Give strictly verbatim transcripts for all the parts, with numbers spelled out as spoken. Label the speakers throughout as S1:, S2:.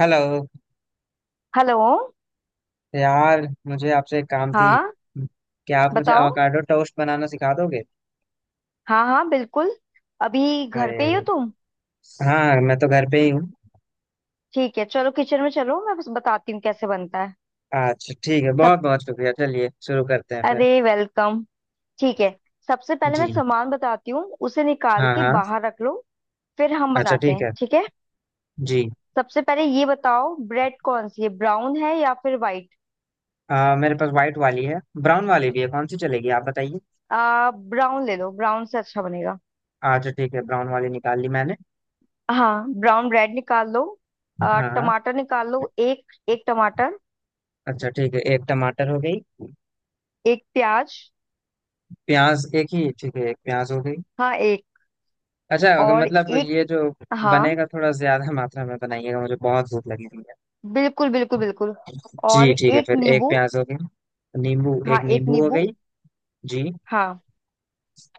S1: Hello
S2: hello.
S1: यार, मुझे आपसे एक काम थी।
S2: हाँ,
S1: क्या आप मुझे
S2: बताओ।
S1: अवाकाडो टोस्ट बनाना सिखा दोगे?
S2: हाँ हाँ बिल्कुल। अभी घर पे ही हो
S1: अरे
S2: तुम?
S1: हाँ, मैं तो घर पे ही हूँ।
S2: ठीक है, चलो किचन में चलो, मैं बस बताती हूँ कैसे बनता है।
S1: अच्छा ठीक है,
S2: सब...
S1: बहुत बहुत शुक्रिया, चलिए शुरू करते हैं फिर।
S2: अरे, वेलकम। ठीक है। सबसे पहले मैं
S1: जी
S2: सामान बताती हूँ, उसे निकाल
S1: हाँ
S2: के
S1: हाँ।
S2: बाहर रख लो, फिर हम
S1: अच्छा
S2: बनाते
S1: ठीक
S2: हैं,
S1: है।
S2: ठीक है।
S1: जी।
S2: सबसे पहले ये बताओ, ब्रेड कौन सी है, ब्राउन है या फिर वाइट?
S1: आ, मेरे पास वाइट वाली है। ब्राउन वाली भी है, कौन सी चलेगी आप बताइए।
S2: आ ब्राउन ले लो, ब्राउन से अच्छा बनेगा।
S1: अच्छा ठीक है, ब्राउन वाली निकाल ली मैंने।
S2: हाँ, ब्राउन ब्रेड निकाल लो। आ,
S1: हाँ हाँ।
S2: टमाटर निकाल लो, एक एक टमाटर।
S1: अच्छा ठीक है, एक टमाटर हो गई।
S2: एक प्याज।
S1: प्याज एक ही ठीक है, एक प्याज हो गई।
S2: हाँ, एक
S1: अच्छा, अगर
S2: और
S1: मतलब
S2: एक।
S1: ये जो
S2: हाँ,
S1: बनेगा थोड़ा ज्यादा मात्रा में बनाइएगा, मुझे बहुत भूख लगी।
S2: बिल्कुल बिल्कुल बिल्कुल। और
S1: जी ठीक है,
S2: एक
S1: फिर एक
S2: नींबू।
S1: प्याज हो गया, नींबू एक
S2: हाँ, एक
S1: नींबू हो
S2: नींबू।
S1: गई। जी।
S2: हाँ,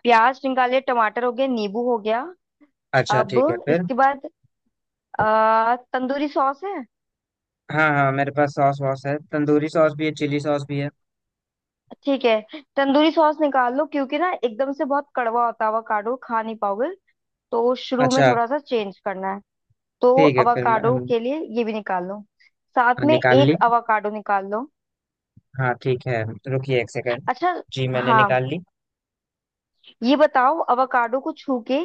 S2: प्याज निकाले, टमाटर हो गया, नींबू हो गया।
S1: अच्छा
S2: अब
S1: ठीक है फिर।
S2: इसके बाद आ, तंदूरी सॉस है।
S1: हाँ हाँ, मेरे पास सॉस वॉस है, तंदूरी सॉस भी है, चिली सॉस भी है।
S2: ठीक है। तंदूरी सॉस निकाल लो, क्योंकि ना एकदम से बहुत कड़वा होता है, अवाकाडो खा नहीं पाओगे। तो शुरू में
S1: अच्छा
S2: थोड़ा सा चेंज करना है। तो
S1: ठीक है फिर। मैं
S2: अवाकाडो
S1: हम-
S2: के लिए ये भी निकाल लो। साथ
S1: हाँ,
S2: में
S1: निकाल
S2: एक
S1: ली।
S2: अवाकाडो निकाल लो।
S1: हाँ ठीक है। रुकिए एक सेकंड।
S2: अच्छा।
S1: जी मैंने
S2: हाँ,
S1: निकाल ली।
S2: ये बताओ अवोकाडो को छू के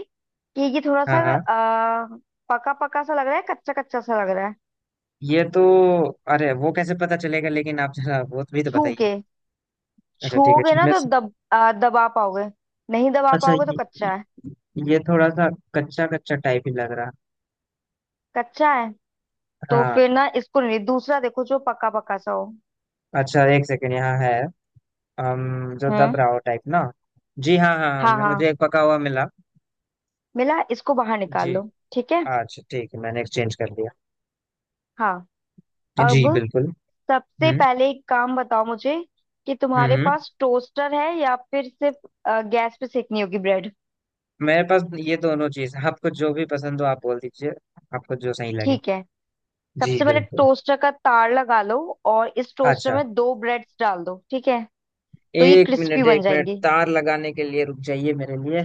S2: कि ये थोड़ा सा
S1: हाँ हाँ।
S2: आ, पका पका सा लग रहा है, कच्चा कच्चा सा लग रहा है?
S1: ये तो, अरे वो कैसे पता चलेगा, लेकिन आप जरा वो भी तो
S2: छू
S1: बताइए।
S2: के...
S1: अच्छा ठीक है,
S2: छूओगे ना
S1: इनमें
S2: तो
S1: से।
S2: दब आ, दबा पाओगे। नहीं दबा
S1: अच्छा,
S2: पाओगे तो
S1: ये
S2: कच्चा है।
S1: ये थोड़ा सा कच्चा कच्चा टाइप ही लग रहा।
S2: कच्चा है तो
S1: हाँ।
S2: फिर ना इसको नहीं, दूसरा देखो जो पका पका सा हो।
S1: अच्छा एक सेकंड, यहाँ है, हम जो दब
S2: हम्म।
S1: रहा हो टाइप ना। जी हाँ हाँ हाँ,
S2: हाँ
S1: मैं-
S2: हाँ,
S1: मुझे एक पका हुआ मिला।
S2: मिला। इसको बाहर निकाल
S1: जी।
S2: लो, ठीक है।
S1: अच्छा ठीक है, मैंने एक्सचेंज कर लिया।
S2: हाँ, अब
S1: जी बिल्कुल।
S2: सबसे
S1: हम्म
S2: पहले एक काम बताओ मुझे, कि
S1: हम्म
S2: तुम्हारे
S1: हम्म।
S2: पास टोस्टर है या फिर सिर्फ अ, गैस पे सेकनी होगी ब्रेड?
S1: मेरे पास ये दोनों चीज, आपको जो भी पसंद हो आप बोल दीजिए, आपको जो सही लगे।
S2: ठीक है,
S1: जी
S2: सबसे पहले
S1: बिल्कुल।
S2: टोस्टर का तार लगा लो। और इस टोस्टर
S1: अच्छा,
S2: में दो ब्रेड्स डाल दो, ठीक है। तो ये
S1: एक
S2: क्रिस्पी
S1: मिनट
S2: बन
S1: एक मिनट,
S2: जाएंगी।
S1: तार लगाने के लिए रुक जाइए मेरे लिए।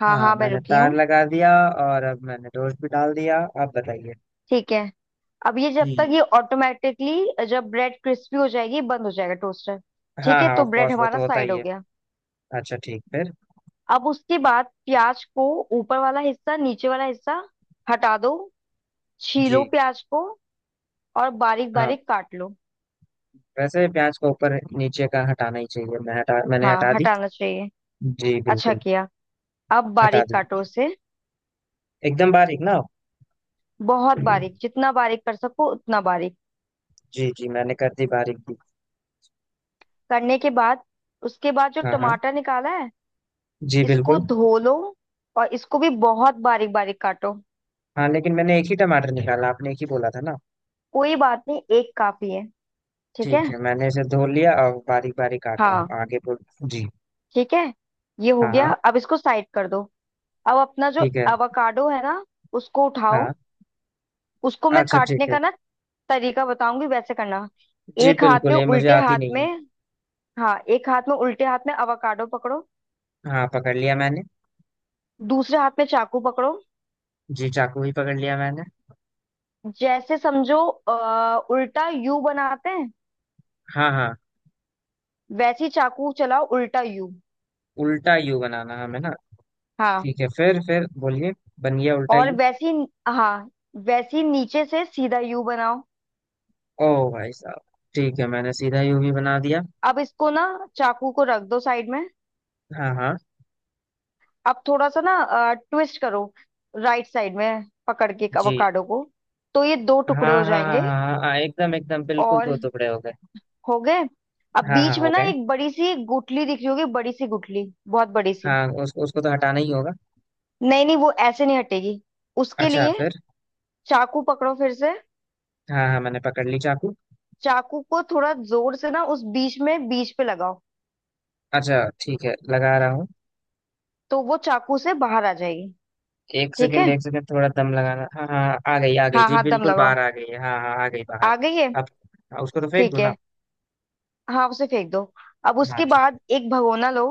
S2: हाँ हाँ,
S1: हाँ
S2: मैं
S1: मैंने
S2: रुकी
S1: तार
S2: हूँ।
S1: लगा दिया, और अब मैंने टोस्ट भी डाल दिया, आप बताइए।
S2: ठीक है। अब ये जब तक
S1: जी।
S2: ये ऑटोमेटिकली जब ब्रेड क्रिस्पी हो जाएगी बंद हो जाएगा टोस्टर। ठीक
S1: हाँ
S2: है,
S1: हाँ,
S2: तो
S1: ऑफ
S2: ब्रेड
S1: कोर्स वो तो
S2: हमारा
S1: होता
S2: साइड
S1: ही
S2: हो
S1: है।
S2: गया।
S1: अच्छा ठीक, फिर?
S2: अब उसके बाद प्याज को ऊपर वाला हिस्सा, नीचे वाला हिस्सा हटा दो, छीलो
S1: जी।
S2: प्याज को, और बारीक
S1: हाँ,
S2: बारीक काट लो।
S1: वैसे प्याज को ऊपर नीचे का हटाना ही चाहिए, मैं हटा, मैंने
S2: हाँ,
S1: हटा दी।
S2: हटाना चाहिए।
S1: जी
S2: अच्छा
S1: बिल्कुल।
S2: किया। अब
S1: हटा
S2: बारीक
S1: दी।
S2: काटो उसे,
S1: एकदम बारीक ना हो।
S2: बहुत बारीक, जितना बारीक कर सको उतना बारीक।
S1: जी जी, मैंने कर दी, बारीक दी।
S2: करने के बाद, उसके बाद जो
S1: हाँ हाँ।
S2: टमाटर निकाला है
S1: जी
S2: इसको
S1: बिल्कुल।
S2: धो लो, और इसको भी बहुत बारीक बारीक काटो।
S1: हाँ लेकिन मैंने एक ही टमाटर निकाला, आपने एक ही बोला था ना।
S2: कोई बात नहीं, एक काफी है, ठीक है।
S1: ठीक है, मैंने इसे धो लिया और बारीक बारीक काट रहा हूँ,
S2: हाँ
S1: आगे बोल। जी।
S2: ठीक है, ये हो
S1: हाँ
S2: गया,
S1: हाँ।
S2: अब इसको साइड कर दो। अब अपना जो
S1: ठीक है।
S2: एवोकाडो है ना, उसको उठाओ।
S1: हाँ।
S2: उसको मैं
S1: अच्छा
S2: काटने
S1: ठीक है।
S2: का ना तरीका बताऊंगी, वैसे करना।
S1: जी
S2: एक हाथ में,
S1: बिल्कुल, ये मुझे
S2: उल्टे
S1: आती
S2: हाथ
S1: नहीं है।
S2: में... हाँ, एक हाथ में, उल्टे हाथ में एवोकाडो पकड़ो।
S1: हाँ पकड़ लिया मैंने।
S2: दूसरे हाथ में चाकू पकड़ो।
S1: जी, चाकू ही पकड़ लिया मैंने।
S2: जैसे समझो अ, उल्टा यू बनाते हैं,
S1: हाँ हाँ।
S2: वैसी चाकू चलाओ, उल्टा यू।
S1: उल्टा यू बनाना हमें ना।
S2: हाँ
S1: ठीक है फिर फिर बोलिए। बन गया उल्टा
S2: और
S1: यू।
S2: वैसी... हाँ, वैसी नीचे से सीधा यू बनाओ।
S1: ओ भाई साहब, ठीक है, मैंने सीधा यूवी बना दिया।
S2: अब इसको ना चाकू को रख दो साइड में।
S1: हाँ हाँ।
S2: अब थोड़ा सा ना ट्विस्ट करो, राइट साइड में पकड़ के
S1: जी।
S2: अवोकाडो को, तो ये दो
S1: हाँ
S2: टुकड़े हो
S1: हाँ हाँ
S2: जाएंगे।
S1: हाँ हाँ हाँ, एकदम एकदम बिल्कुल
S2: और
S1: दो टुकड़े हो गए।
S2: हो गए। अब
S1: हाँ हाँ
S2: बीच में
S1: हो
S2: ना
S1: गए।
S2: एक बड़ी सी गुठली दिख रही होगी, बड़ी सी गुठली, बहुत बड़ी सी।
S1: हाँ, उसको उसको तो हटाना ही होगा।
S2: नहीं नहीं, वो ऐसे नहीं हटेगी। उसके
S1: अच्छा
S2: लिए
S1: फिर?
S2: चाकू पकड़ो फिर से।
S1: हाँ हाँ, मैंने पकड़ ली चाकू।
S2: चाकू को थोड़ा जोर से ना उस बीच में, बीच पे लगाओ,
S1: अच्छा ठीक है, लगा रहा हूँ।
S2: तो वो चाकू से बाहर आ जाएगी।
S1: एक
S2: ठीक
S1: सेकंड
S2: है।
S1: एक सेकंड, थोड़ा दम लगाना, हाँ हाँ आ गई आ गई,
S2: हाँ
S1: जी
S2: हाँ, दम
S1: बिल्कुल
S2: लगाओ,
S1: बाहर आ गई है, हाँ हाँ आ गई बाहर।
S2: आ गई है।
S1: अब हाँ, उसको तो फेंक दो
S2: ठीक
S1: ना।
S2: है, हाँ उसे फेंक दो। अब
S1: हाँ
S2: उसके
S1: ठीक
S2: बाद एक भगोना लो,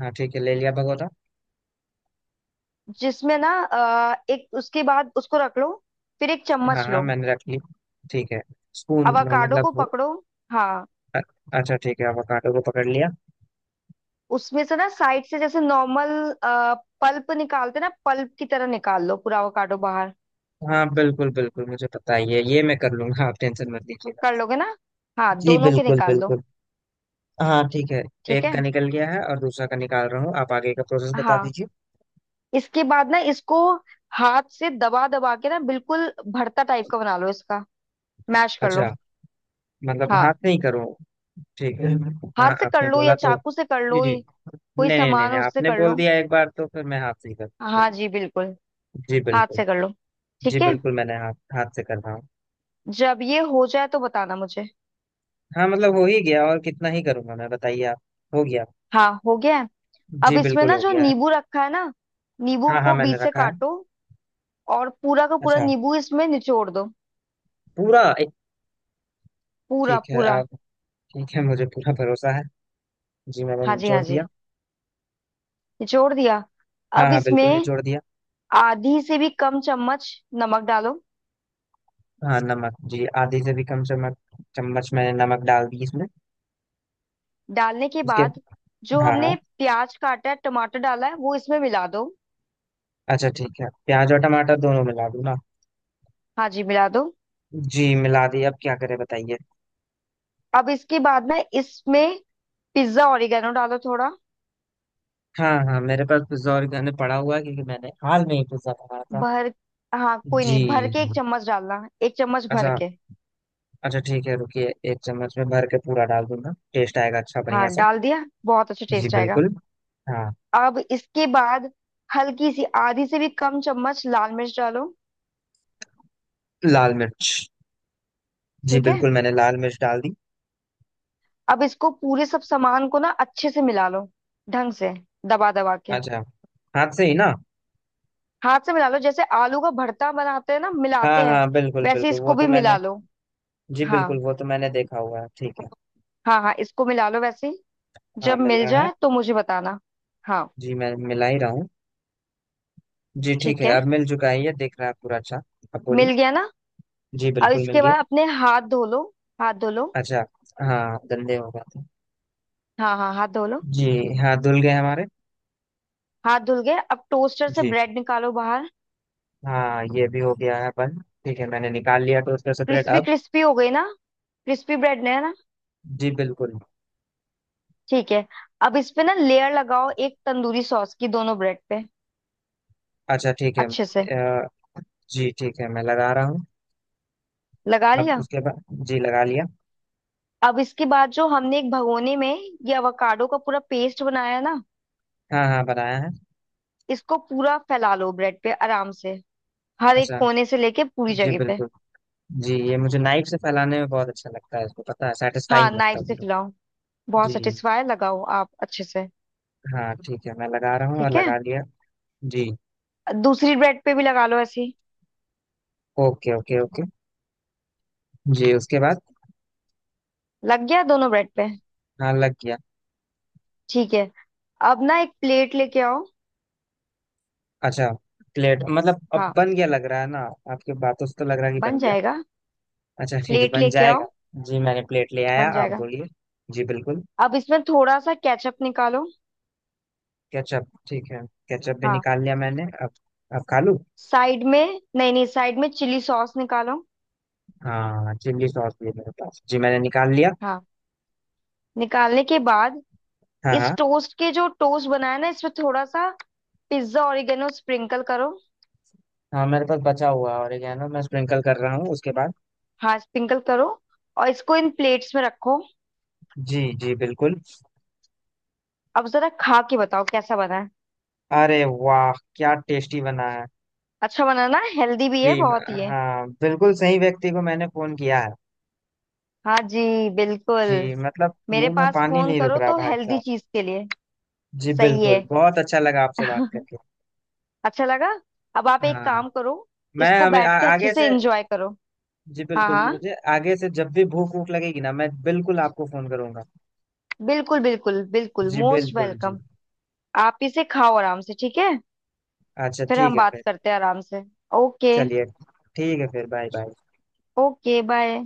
S1: है, हाँ ठीक है, ले लिया भगोटा।
S2: जिसमें ना अ, एक... उसके बाद उसको रख लो, फिर एक
S1: हाँ
S2: चम्मच
S1: हाँ
S2: लो।
S1: मैंने रख ली। ठीक है, स्पून।
S2: अवाकाडो
S1: मतलब
S2: को
S1: वो-
S2: पकड़ो। हाँ,
S1: अच्छा ठीक है, अवोकाडो को पकड़ लिया।
S2: उसमें से ना साइड से जैसे नॉर्मल पल्प निकालते ना, पल्प की तरह निकाल लो, पूरा अवाकाडो बाहर।
S1: हाँ बिल्कुल बिल्कुल, मुझे पता ही है, ये मैं कर लूंगा, आप टेंशन मत लीजिएगा।
S2: कर लोगे ना? हाँ,
S1: जी
S2: दोनों के
S1: बिल्कुल
S2: निकाल लो।
S1: बिल्कुल। हाँ ठीक है,
S2: ठीक
S1: एक
S2: है।
S1: का निकल गया है और दूसरा का निकाल रहा हूँ, आप आगे का प्रोसेस बता
S2: हाँ,
S1: दीजिए।
S2: इसके बाद ना इसको हाथ से दबा दबा के ना बिल्कुल भरता टाइप का बना लो इसका, मैश कर
S1: अच्छा,
S2: लो।
S1: मतलब हाथ
S2: हाँ,
S1: नहीं करो। ठीक है।
S2: हाथ
S1: हाँ
S2: से कर
S1: आपने
S2: लो या
S1: बोला तो।
S2: चाकू से कर
S1: जी
S2: लो,
S1: जी।
S2: ये- कोई
S1: नहीं नहीं नहीं
S2: सामान
S1: नहीं,
S2: हो उससे
S1: आपने
S2: कर
S1: बोल
S2: लो।
S1: दिया एक बार तो फिर मैं हाथ से ही कर,
S2: हाँ
S1: चलिए।
S2: जी बिल्कुल,
S1: जी
S2: हाथ
S1: बिल्कुल।
S2: से कर लो,
S1: जी
S2: ठीक है।
S1: बिल्कुल, मैंने हाथ हाथ से कर रहा हूँ।
S2: जब ये हो जाए तो बताना मुझे।
S1: हाँ मतलब हो ही गया, और कितना ही करूंगा मैं, बताइए आप। हो गया।
S2: हाँ, हो गया है। अब
S1: जी
S2: इसमें
S1: बिल्कुल
S2: ना
S1: हो
S2: जो
S1: गया है।
S2: नींबू रखा है ना, नींबू
S1: हाँ हाँ
S2: को
S1: मैंने
S2: बीच से
S1: रखा है।
S2: काटो, और पूरा का पूरा
S1: अच्छा।
S2: नींबू इसमें निचोड़ दो।
S1: पूरा एक?
S2: पूरा
S1: ठीक है
S2: पूरा।
S1: आप। ठीक है, मुझे पूरा भरोसा है। जी मैंने
S2: हाँ जी,
S1: निचोड़
S2: हाँ
S1: दिया।
S2: जी, निचोड़ दिया।
S1: हाँ
S2: अब
S1: हाँ बिल्कुल
S2: इसमें
S1: निचोड़ दिया।
S2: आधी से भी कम चम्मच नमक डालो।
S1: हाँ नमक, जी, आधे से भी कम चम्मच, चम्मच मैंने नमक डाल दी इसमें।
S2: डालने के
S1: उसके।
S2: बाद जो
S1: हाँ
S2: हमने
S1: हाँ।
S2: प्याज काटा है, टमाटर डाला है, वो इसमें मिला दो।
S1: अच्छा ठीक है, प्याज और टमाटर दोनों मिला दूँ ना।
S2: हाँ जी, मिला दो।
S1: जी मिला दिए, अब क्या करें बताइए।
S2: अब इसके बाद ना इसमें पिज्जा ओरिगेनो डालो थोड़ा
S1: हाँ हाँ, मेरे पास पिज्जा घर पड़ा हुआ है क्योंकि मैंने हाल में ही पिज्जा मंगाया था।
S2: भर। हाँ, कोई
S1: जी।
S2: नहीं, भर के एक चम्मच डालना, एक चम्मच भर
S1: अच्छा।
S2: के।
S1: अच्छा ठीक है, रुकिए एक चम्मच में भर के पूरा डाल दूंगा, टेस्ट आएगा अच्छा बढ़िया
S2: हाँ,
S1: सा।
S2: डाल दिया, बहुत अच्छा
S1: जी
S2: टेस्ट आएगा।
S1: बिल्कुल। हाँ।
S2: अब इसके बाद हल्की सी आधी से भी कम चम्मच लाल मिर्च डालो।
S1: लाल मिर्च। जी
S2: ठीक है।
S1: बिल्कुल, मैंने लाल मिर्च डाल दी।
S2: अब इसको, पूरे सब सामान को ना अच्छे से मिला लो, ढंग से, दबा दबा के।
S1: अच्छा। हाथ से ही ना?
S2: हाथ से मिला लो, जैसे आलू का भरता बनाते हैं ना मिलाते
S1: हाँ
S2: हैं,
S1: हाँ बिल्कुल
S2: वैसे
S1: बिल्कुल, वो
S2: इसको
S1: तो
S2: भी मिला
S1: मैंने।
S2: लो।
S1: जी बिल्कुल,
S2: हाँ
S1: वो तो मैंने देखा हुआ है, ठीक है।
S2: हाँ, हाँ इसको मिला लो वैसे ही।
S1: हाँ
S2: जब
S1: मिल
S2: मिल
S1: रहा है।
S2: जाए तो मुझे बताना। हाँ
S1: जी मैं मिला ही रहा हूँ। जी ठीक
S2: ठीक
S1: है,
S2: है,
S1: अब मिल चुका है, ये दिख रहा है पूरा अच्छा। अब बोलिए।
S2: मिल गया ना?
S1: जी
S2: अब
S1: बिल्कुल मिल
S2: इसके
S1: गया।
S2: बाद अपने हाथ धो लो, हाथ धो लो।
S1: अच्छा। हाँ गंदे हो गए थे।
S2: हाँ हाँ, हाथ धो लो।
S1: जी हाँ धुल गए हमारे।
S2: हाथ धुल गए, अब टोस्टर से
S1: जी।
S2: ब्रेड निकालो बाहर।
S1: हाँ ये भी हो गया है बंद, ठीक है मैंने निकाल लिया टोस्टर से ब्रेड,
S2: क्रिस्पी
S1: अब?
S2: क्रिस्पी हो गई ना? क्रिस्पी ब्रेड ने है ना?
S1: जी बिल्कुल।
S2: ठीक है। अब इस पे ना लेयर लगाओ एक तंदूरी सॉस की, दोनों ब्रेड पे,
S1: अच्छा ठीक है।
S2: अच्छे से
S1: अ, जी ठीक है, मैं लगा रहा हूँ।
S2: लगा
S1: अब
S2: लिया।
S1: उसके बाद, जी लगा लिया।
S2: अब इसके बाद जो हमने एक भगोने में ये अवोकाडो का पूरा पेस्ट बनाया है ना,
S1: हाँ हाँ बनाया है।
S2: इसको पूरा फैला लो ब्रेड पे आराम से, हर एक
S1: अच्छा।
S2: कोने से लेके पूरी
S1: जी
S2: जगह पे।
S1: बिल्कुल। जी, ये मुझे नाइफ से फैलाने में बहुत अच्छा लगता है इसको, पता है,
S2: हाँ,
S1: सेटिस्फाइंग लगता
S2: नाइफ
S1: है
S2: से
S1: पूरा।
S2: फैलाओ, बहुत
S1: जी।
S2: सेटिस्फाई लगाओ आप अच्छे से।
S1: हाँ ठीक है, मैं लगा रहा हूँ और
S2: ठीक है।
S1: लगा लिया। जी।
S2: दूसरी ब्रेड पे भी लगा लो ऐसे ही।
S1: Okay okay okay. जी उसके बाद।
S2: लग गया दोनों ब्रेड पे।
S1: हाँ लग गया।
S2: ठीक है, अब ना एक प्लेट लेके आओ।
S1: अच्छा, प्लेट? मतलब अब
S2: हाँ,
S1: बन गया, लग रहा है ना, आपकी बातों से तो लग रहा है कि
S2: बन
S1: बन गया।
S2: जाएगा।
S1: अच्छा ठीक है,
S2: प्लेट
S1: बन
S2: लेके आओ।
S1: जाएगा। जी मैंने प्लेट ले आया,
S2: बन
S1: आप
S2: जाएगा।
S1: बोलिए। जी बिल्कुल।
S2: अब इसमें थोड़ा सा केचप निकालो।
S1: केचप, ठीक है, केचप भी
S2: हाँ,
S1: निकाल लिया मैंने, अब अब खा लूँ।
S2: साइड में... नहीं नहीं, साइड में चिली सॉस निकालो।
S1: हाँ चिल्ली सॉस भी है मेरे पास, जी मैंने निकाल लिया।
S2: हाँ, निकालने के बाद
S1: हाँ
S2: इस
S1: हाँ।
S2: टोस्ट के, जो टोस्ट बनाया ना, इसमें थोड़ा सा पिज्जा ओरिगेनो स्प्रिंकल करो।
S1: हाँ मेरे पास बचा हुआ है और ये है ना, मैं स्प्रिंकल कर रहा हूँ उसके बाद।
S2: हाँ, स्प्रिंकल करो, और इसको इन प्लेट्स में रखो।
S1: जी जी बिल्कुल।
S2: अब जरा खा के बताओ, कैसा बना है?
S1: अरे वाह, क्या टेस्टी बना है।
S2: अच्छा बना ना, हेल्दी भी
S1: जी।
S2: है बहुत ही।
S1: हाँ बिल्कुल, सही व्यक्ति को मैंने फोन किया है।
S2: हाँ जी, बिल्कुल।
S1: जी, मतलब
S2: मेरे
S1: मुंह में
S2: पास
S1: पानी
S2: फोन
S1: नहीं रुक
S2: करो
S1: रहा
S2: तो
S1: भाई
S2: हेल्दी
S1: साहब।
S2: चीज के लिए।
S1: जी
S2: सही है।
S1: बिल्कुल, बहुत अच्छा लगा आपसे बात करके।
S2: अच्छा लगा। अब आप एक
S1: हाँ
S2: काम करो,
S1: मैं,
S2: इसको
S1: हमें आ,
S2: बैठ के अच्छे
S1: आगे
S2: से
S1: से।
S2: एंजॉय करो।
S1: जी
S2: हाँ
S1: बिल्कुल,
S2: हाँ,
S1: मुझे आगे से जब भी भूख भूख लगेगी ना, मैं बिल्कुल आपको फोन करूंगा।
S2: बिल्कुल बिल्कुल बिल्कुल,
S1: जी
S2: मोस्ट
S1: बिल्कुल जी।
S2: वेलकम। आप इसे खाओ आराम से, ठीक है।
S1: अच्छा
S2: फिर
S1: ठीक
S2: हम
S1: है
S2: बात
S1: फिर,
S2: करते हैं आराम से। ओके।
S1: चलिए ठीक है फिर, बाय बाय।
S2: Okay, bye.